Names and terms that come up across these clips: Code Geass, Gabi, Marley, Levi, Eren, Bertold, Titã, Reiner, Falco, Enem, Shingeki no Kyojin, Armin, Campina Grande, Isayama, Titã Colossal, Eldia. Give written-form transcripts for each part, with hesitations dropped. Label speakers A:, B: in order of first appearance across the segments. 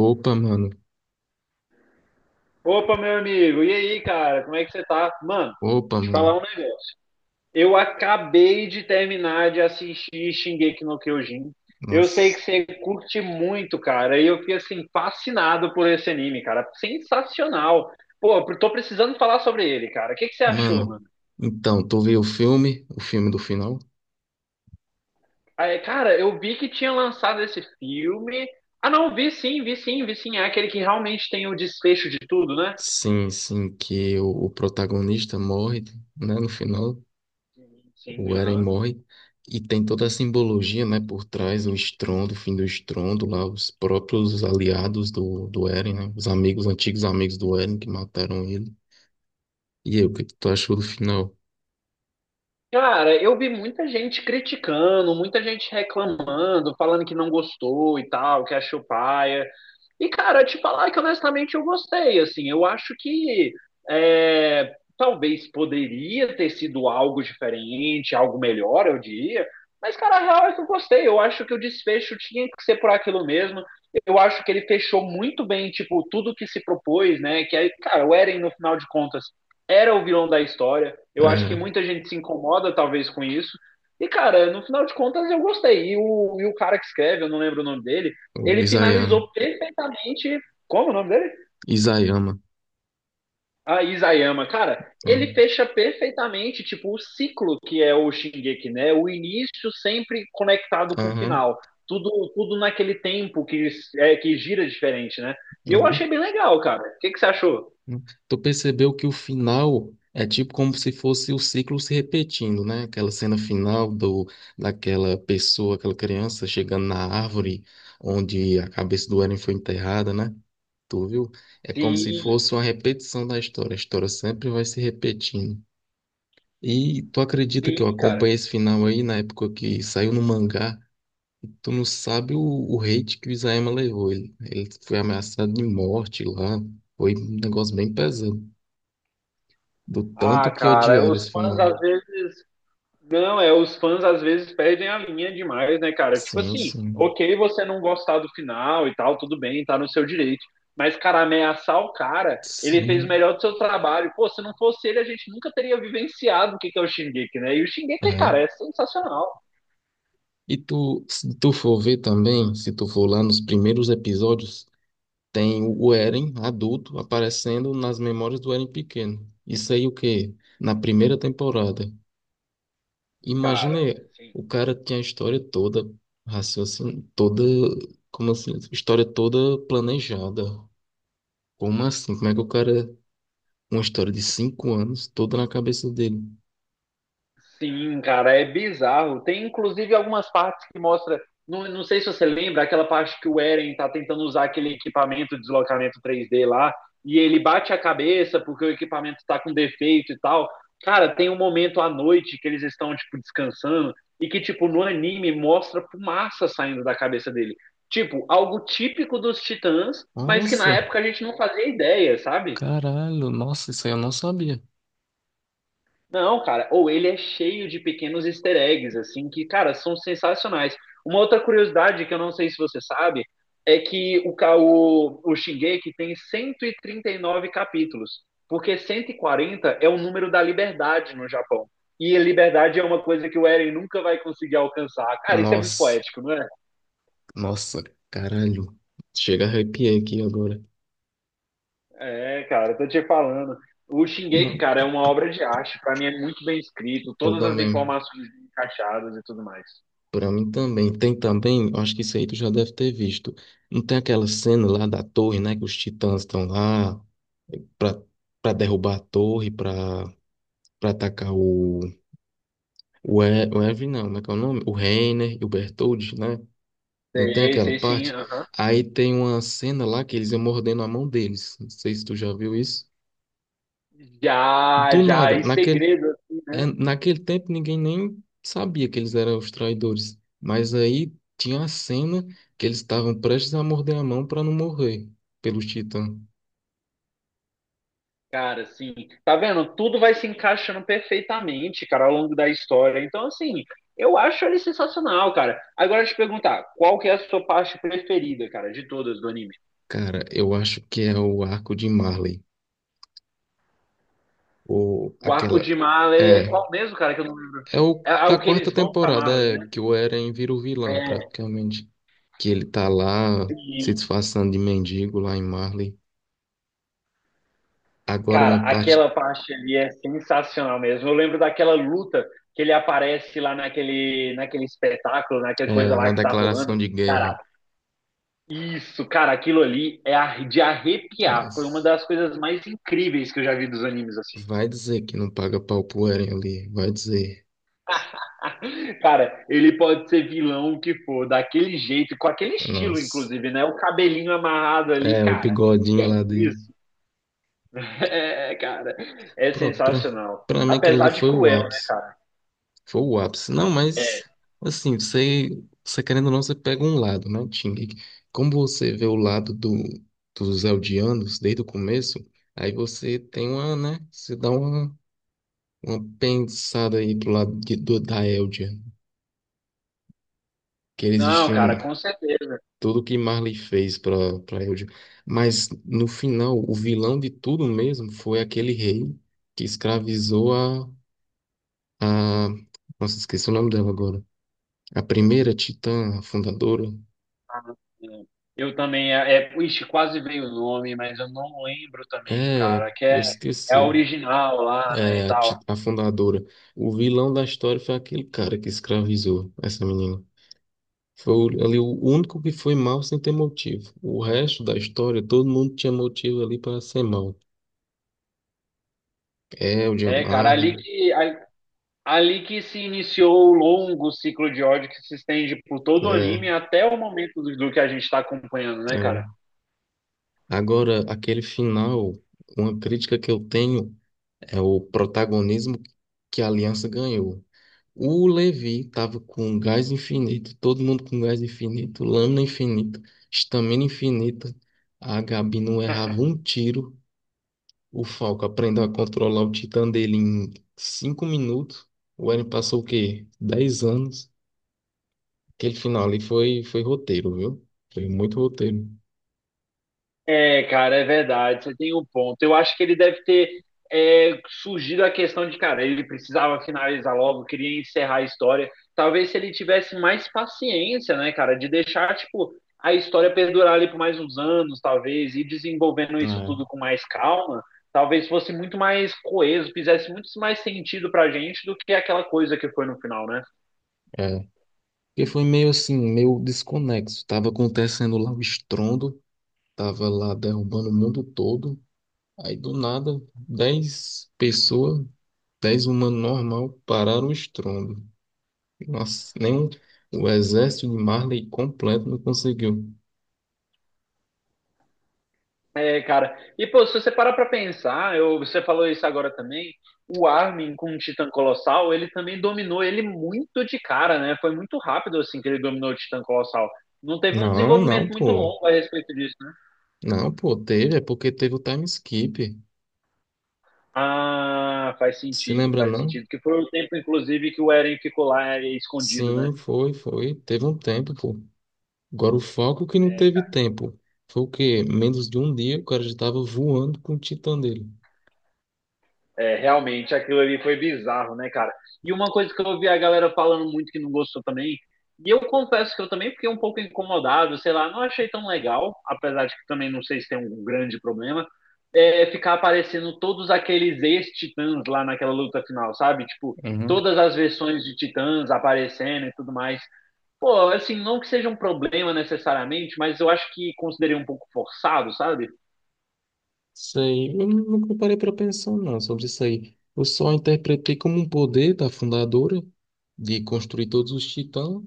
A: Opa, mano.
B: Opa, meu amigo, e aí, cara, como é que você tá? Mano,
A: Opa,
B: te falar
A: mano.
B: um negócio. Eu acabei de terminar de assistir Shingeki no Kyojin. Eu sei
A: Nossa.
B: que você curte muito, cara, e eu fiquei assim fascinado por esse anime, cara. Sensacional. Pô, eu tô precisando falar sobre ele, cara. O que que você achou,
A: Mano,
B: mano?
A: então, tu viu o filme? O filme do final?
B: Ah, é, cara, eu vi que tinha lançado esse filme. Ah, não, vi sim, vi sim. É aquele que realmente tem o desfecho de tudo, né?
A: Sim, sim, que o protagonista morre, né? No final,
B: Sim, sim,
A: o Eren
B: aham.
A: morre. E tem toda a simbologia, né, por trás, o estrondo, o fim do estrondo, lá, os próprios aliados do Eren, né? Os amigos, antigos amigos do Eren que mataram ele. E aí, o que que tu achou do final?
B: Cara, eu vi muita gente criticando, muita gente reclamando, falando que não gostou e tal, que achou paia. E, cara, te falar que honestamente eu gostei, assim, eu acho que é, talvez poderia ter sido algo diferente, algo melhor, eu diria, mas, cara, a real é que eu gostei, eu acho que o desfecho tinha que ser por aquilo mesmo, eu acho que ele fechou muito bem, tipo, tudo que se propôs, né, que aí, cara, o Eren, no final de contas, era o vilão da história, eu acho que
A: É,
B: muita gente se incomoda, talvez, com isso, e, cara, no final de contas, eu gostei, e o cara que escreve, eu não lembro o nome dele,
A: o
B: ele
A: Isayama.
B: finalizou perfeitamente. Como é o nome dele?
A: Isayama.
B: Ah, Isayama. Cara,
A: É.
B: ele fecha perfeitamente, tipo, o ciclo que é o Shingeki, né? O início sempre conectado com o
A: Aham.
B: final. Tudo naquele tempo que, é, que gira diferente, né? E eu
A: Aham.
B: achei bem legal, cara. O que você achou?
A: Tu percebeu que o final é tipo como se fosse o ciclo se repetindo, né? Aquela cena final do daquela pessoa, aquela criança chegando na árvore onde a cabeça do Eren foi enterrada, né? Tu viu? É como se
B: Sim,
A: fosse uma repetição da história. A história sempre vai se repetindo. E tu acredita que eu
B: sim, cara.
A: acompanhei esse final aí na época que saiu no mangá? Tu não sabe o hate que o Isayama levou. Ele foi ameaçado de morte lá. Foi um negócio bem pesado. Do tanto
B: Ah,
A: que
B: cara,
A: odiar
B: os
A: esse
B: fãs
A: filme.
B: às vezes. Não, é, os fãs às vezes perdem a linha demais, né, cara? Tipo
A: Sim,
B: assim,
A: sim.
B: ok, você não gostar do final e tal, tudo bem, tá no seu direito. Mas, cara, ameaçar o cara, ele fez o
A: Sim,
B: melhor do seu trabalho. Pô, se não fosse ele, a gente nunca teria vivenciado o que que é o Shingeki, né? E o Shingeki,
A: é.
B: cara, é sensacional.
A: E tu, se tu for ver também, se tu for lá nos primeiros episódios, tem o Eren adulto aparecendo nas memórias do Eren pequeno. Isso aí o quê? Na primeira temporada. Imagina
B: Cara,
A: aí,
B: sim.
A: o cara tinha a história toda, raciocínio, toda, como assim, história toda planejada. Como assim? Como é que o cara, uma história de 5 anos, toda na cabeça dele?
B: Sim, cara, é bizarro. Tem inclusive algumas partes que mostra. Não, não sei se você lembra, aquela parte que o Eren tá tentando usar aquele equipamento de deslocamento 3D lá, e ele bate a cabeça porque o equipamento tá com defeito e tal. Cara, tem um momento à noite que eles estão, tipo, descansando, e que, tipo, no anime mostra fumaça saindo da cabeça dele. Tipo, algo típico dos Titãs, mas que na
A: Nossa!
B: época a gente não fazia ideia, sabe?
A: Caralho, nossa, isso aí eu não sabia.
B: Não, cara, ou ele é cheio de pequenos easter eggs, assim, que, cara, são sensacionais. Uma outra curiosidade que eu não sei se você sabe é que o Shingeki tem 139 capítulos, porque 140 é o número da liberdade no Japão. E a liberdade é uma coisa que o Eren nunca vai conseguir alcançar. Cara, isso é muito
A: Nossa,
B: poético, não é?
A: nossa, caralho. Chega a arrepiar aqui agora.
B: É, cara, eu tô te falando. O Shingeki,
A: Não,
B: cara, é uma obra de arte, pra mim é muito bem escrito,
A: eu
B: todas as
A: também.
B: informações encaixadas e tudo mais.
A: Pra mim também. Tem também, acho que isso aí tu já deve ter visto. Não tem aquela cena lá da torre, né? Que os titãs estão lá pra, pra derrubar a torre, pra atacar o. O Evan, não, como é que é o nome? O Reiner e o Bertold, né? Não tem
B: Sei,
A: aquela
B: sei sim,
A: parte?
B: aham.
A: Aí tem uma cena lá que eles iam mordendo a mão deles. Não sei se tu já viu isso.
B: Já,
A: Do
B: já,
A: nada,
B: e
A: naquele,
B: segredo, assim, né?
A: é, naquele tempo ninguém nem sabia que eles eram os traidores. Mas aí tinha a cena que eles estavam prestes a morder a mão para não morrer pelos titãs.
B: Cara, assim, tá vendo? Tudo vai se encaixando perfeitamente, cara, ao longo da história. Então, assim, eu acho ele sensacional, cara. Agora, te perguntar, qual que é a sua parte preferida, cara, de todas do anime?
A: Cara, eu acho que é o arco de Marley. Ou
B: O arco
A: aquela.
B: de Marley é
A: É.
B: qual mesmo, cara, que eu não lembro?
A: É o
B: É, é
A: da
B: o que
A: quarta
B: eles vão pra
A: temporada,
B: Marley,
A: é,
B: né?
A: que o Eren vira o vilão,
B: É,
A: praticamente. Que ele tá lá se
B: sim,
A: disfarçando de mendigo lá em Marley. Agora
B: cara,
A: uma parte
B: aquela parte ali é sensacional mesmo. Eu lembro daquela luta que ele aparece lá naquele espetáculo, naquela coisa
A: é,
B: lá
A: na
B: que tá
A: declaração
B: rolando.
A: de
B: Cara,
A: guerra.
B: isso, cara, aquilo ali é ar- de arrepiar. Foi uma
A: Nossa.
B: das coisas mais incríveis que eu já vi dos animes, assim.
A: Vai dizer que não paga pau pro Eren ali. Vai dizer.
B: Cara, ele pode ser vilão o que for, daquele jeito, com aquele estilo,
A: Nossa.
B: inclusive, né? O cabelinho amarrado ali,
A: É, o
B: cara. Que
A: bigodinho
B: é
A: lá dele.
B: isso? É, cara, é
A: Pronto, pra,
B: sensacional.
A: pra mim aquele ali
B: Apesar de
A: foi o
B: cruel, né,
A: ápice.
B: cara?
A: Foi o ápice. Não, mas
B: É,
A: assim, você querendo ou não, você pega um lado, né, Ting? Como você vê o lado dos Eldianos desde o começo, aí você tem uma, né? Você dá uma pensada aí pro lado da Eldia. Que eles
B: não, cara,
A: destruindo.
B: com certeza.
A: Tudo que Marley fez para Eldil. Mas no final, o vilão de tudo mesmo foi aquele rei que escravizou a. Nossa, esqueci o nome dela agora. A primeira titã, a fundadora.
B: Ah, é. Eu também, é, é, ixi, quase veio o nome, mas eu não lembro também,
A: É, eu
B: cara, que é, é a
A: esqueci.
B: original lá, né, e
A: É, a,
B: tal.
A: ti- a fundadora. O vilão da história foi aquele cara que escravizou essa menina. Foi ali o único que foi mal sem ter motivo. O resto da história, todo mundo tinha motivo ali para ser mal. Eldil,
B: É, cara,
A: Marley.
B: ali que, a- ali que se iniciou o longo ciclo de ódio que se estende por todo o
A: É,
B: anime até o momento do que a gente está acompanhando, né, cara?
A: é. Agora, aquele final, uma crítica que eu tenho é o protagonismo que a Aliança ganhou. O Levi tava com gás infinito, todo mundo com gás infinito, lâmina infinita, estamina infinita. A Gabi não errava um tiro. O Falco aprendeu a controlar o Titã dele em 5 minutos. O Eren passou o quê? 10 anos. Aquele final ali foi roteiro, viu? Foi muito roteiro.
B: É, cara, é verdade, você tem um ponto. Eu acho que ele deve ter é, surgido a questão de, cara, ele precisava finalizar logo, queria encerrar a história. Talvez se ele tivesse mais paciência, né, cara, de deixar, tipo, a história perdurar ali por mais uns anos, talvez, e desenvolvendo isso tudo com mais calma, talvez fosse muito mais coeso, fizesse muito mais sentido pra gente do que aquela coisa que foi no final, né?
A: É. Porque foi meio assim, meio desconexo. Tava acontecendo lá o estrondo, tava lá derrubando o mundo todo. Aí do nada, 10 pessoas, 10 humanos normal, pararam o estrondo. Nossa, nem o exército de Marley completo não conseguiu.
B: É, cara. E, pô, se você parar pra pensar, eu, você falou isso agora também, o Armin com o Titã Colossal, ele também dominou ele muito de cara, né? Foi muito rápido, assim, que ele dominou o Titã Colossal. Não teve um
A: Não, não,
B: desenvolvimento muito
A: pô.
B: longo a respeito disso, né?
A: Não, pô, teve, é porque teve o time skip.
B: Ah, faz
A: Se
B: sentido,
A: lembra,
B: faz
A: não?
B: sentido. Que foi o tempo, inclusive, que o Eren ficou lá é, escondido, né?
A: Sim, foi, foi. Teve um tempo, pô. Agora, o Falcon que não
B: É,
A: teve tempo. Foi o quê? Menos de um dia, o cara já estava voando com o Titã dele.
B: é, realmente, aquilo ali foi bizarro, né, cara? E uma coisa que eu ouvi a galera falando muito que não gostou também, e eu confesso que eu também fiquei um pouco incomodado, sei lá, não achei tão legal, apesar de que também não sei se tem um grande problema, é, ficar aparecendo todos aqueles ex-titãs lá naquela luta final, sabe? Tipo,
A: Uhum.
B: todas as versões de titãs aparecendo e tudo mais. Pô, assim, não que seja um problema necessariamente, mas eu acho que considerei um pouco forçado, sabe?
A: Isso aí, eu nunca parei para pensar, não, sobre isso aí. Eu só interpretei como um poder da fundadora de construir todos os titãs,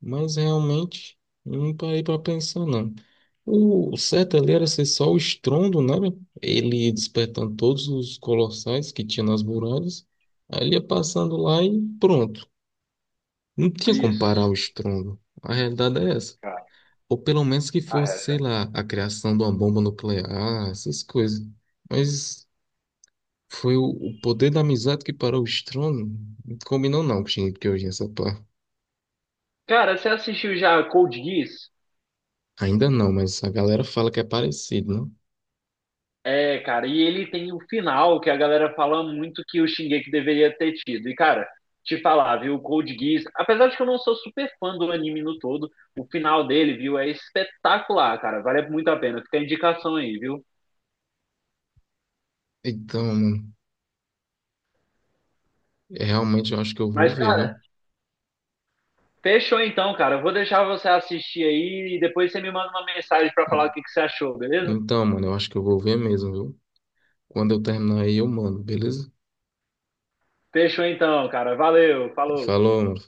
A: mas realmente eu não parei para pensar, não. O certo ali era ser só o estrondo, né? Ele despertando todos os colossais que tinha nas muralhas. Aí ele ia passando lá e pronto. Não tinha como parar
B: Isso,
A: o estrondo. A realidade é essa.
B: cara,
A: Ou pelo menos que
B: a
A: fosse, sei
B: realidade.
A: lá, a criação de uma bomba nuclear, essas coisas. Mas foi o poder da amizade que parou o estrondo. Não combinou não com o que hoje essa pá.
B: Cara, você assistiu já Code Geass?
A: Ainda não, mas a galera fala que é parecido, não?
B: É, cara, e ele tem o final que a galera fala muito que o Shingeki deveria ter tido. E, cara, te falar, viu, o Code Geass, apesar de que eu não sou super fã do anime no todo, o final dele, viu, é espetacular, cara. Vale muito a pena. Fica a indicação aí, viu?
A: Então, mano, é, realmente eu acho que eu vou
B: Mas,
A: ver,
B: cara,
A: viu?
B: fechou então, cara. Eu vou deixar você assistir aí e depois você me manda uma mensagem pra falar o que que você achou, beleza?
A: Então, mano, eu acho que eu vou ver mesmo, viu? Quando eu terminar aí, eu mando, beleza?
B: Fechou então, cara. Valeu, falou.
A: Falou, mano.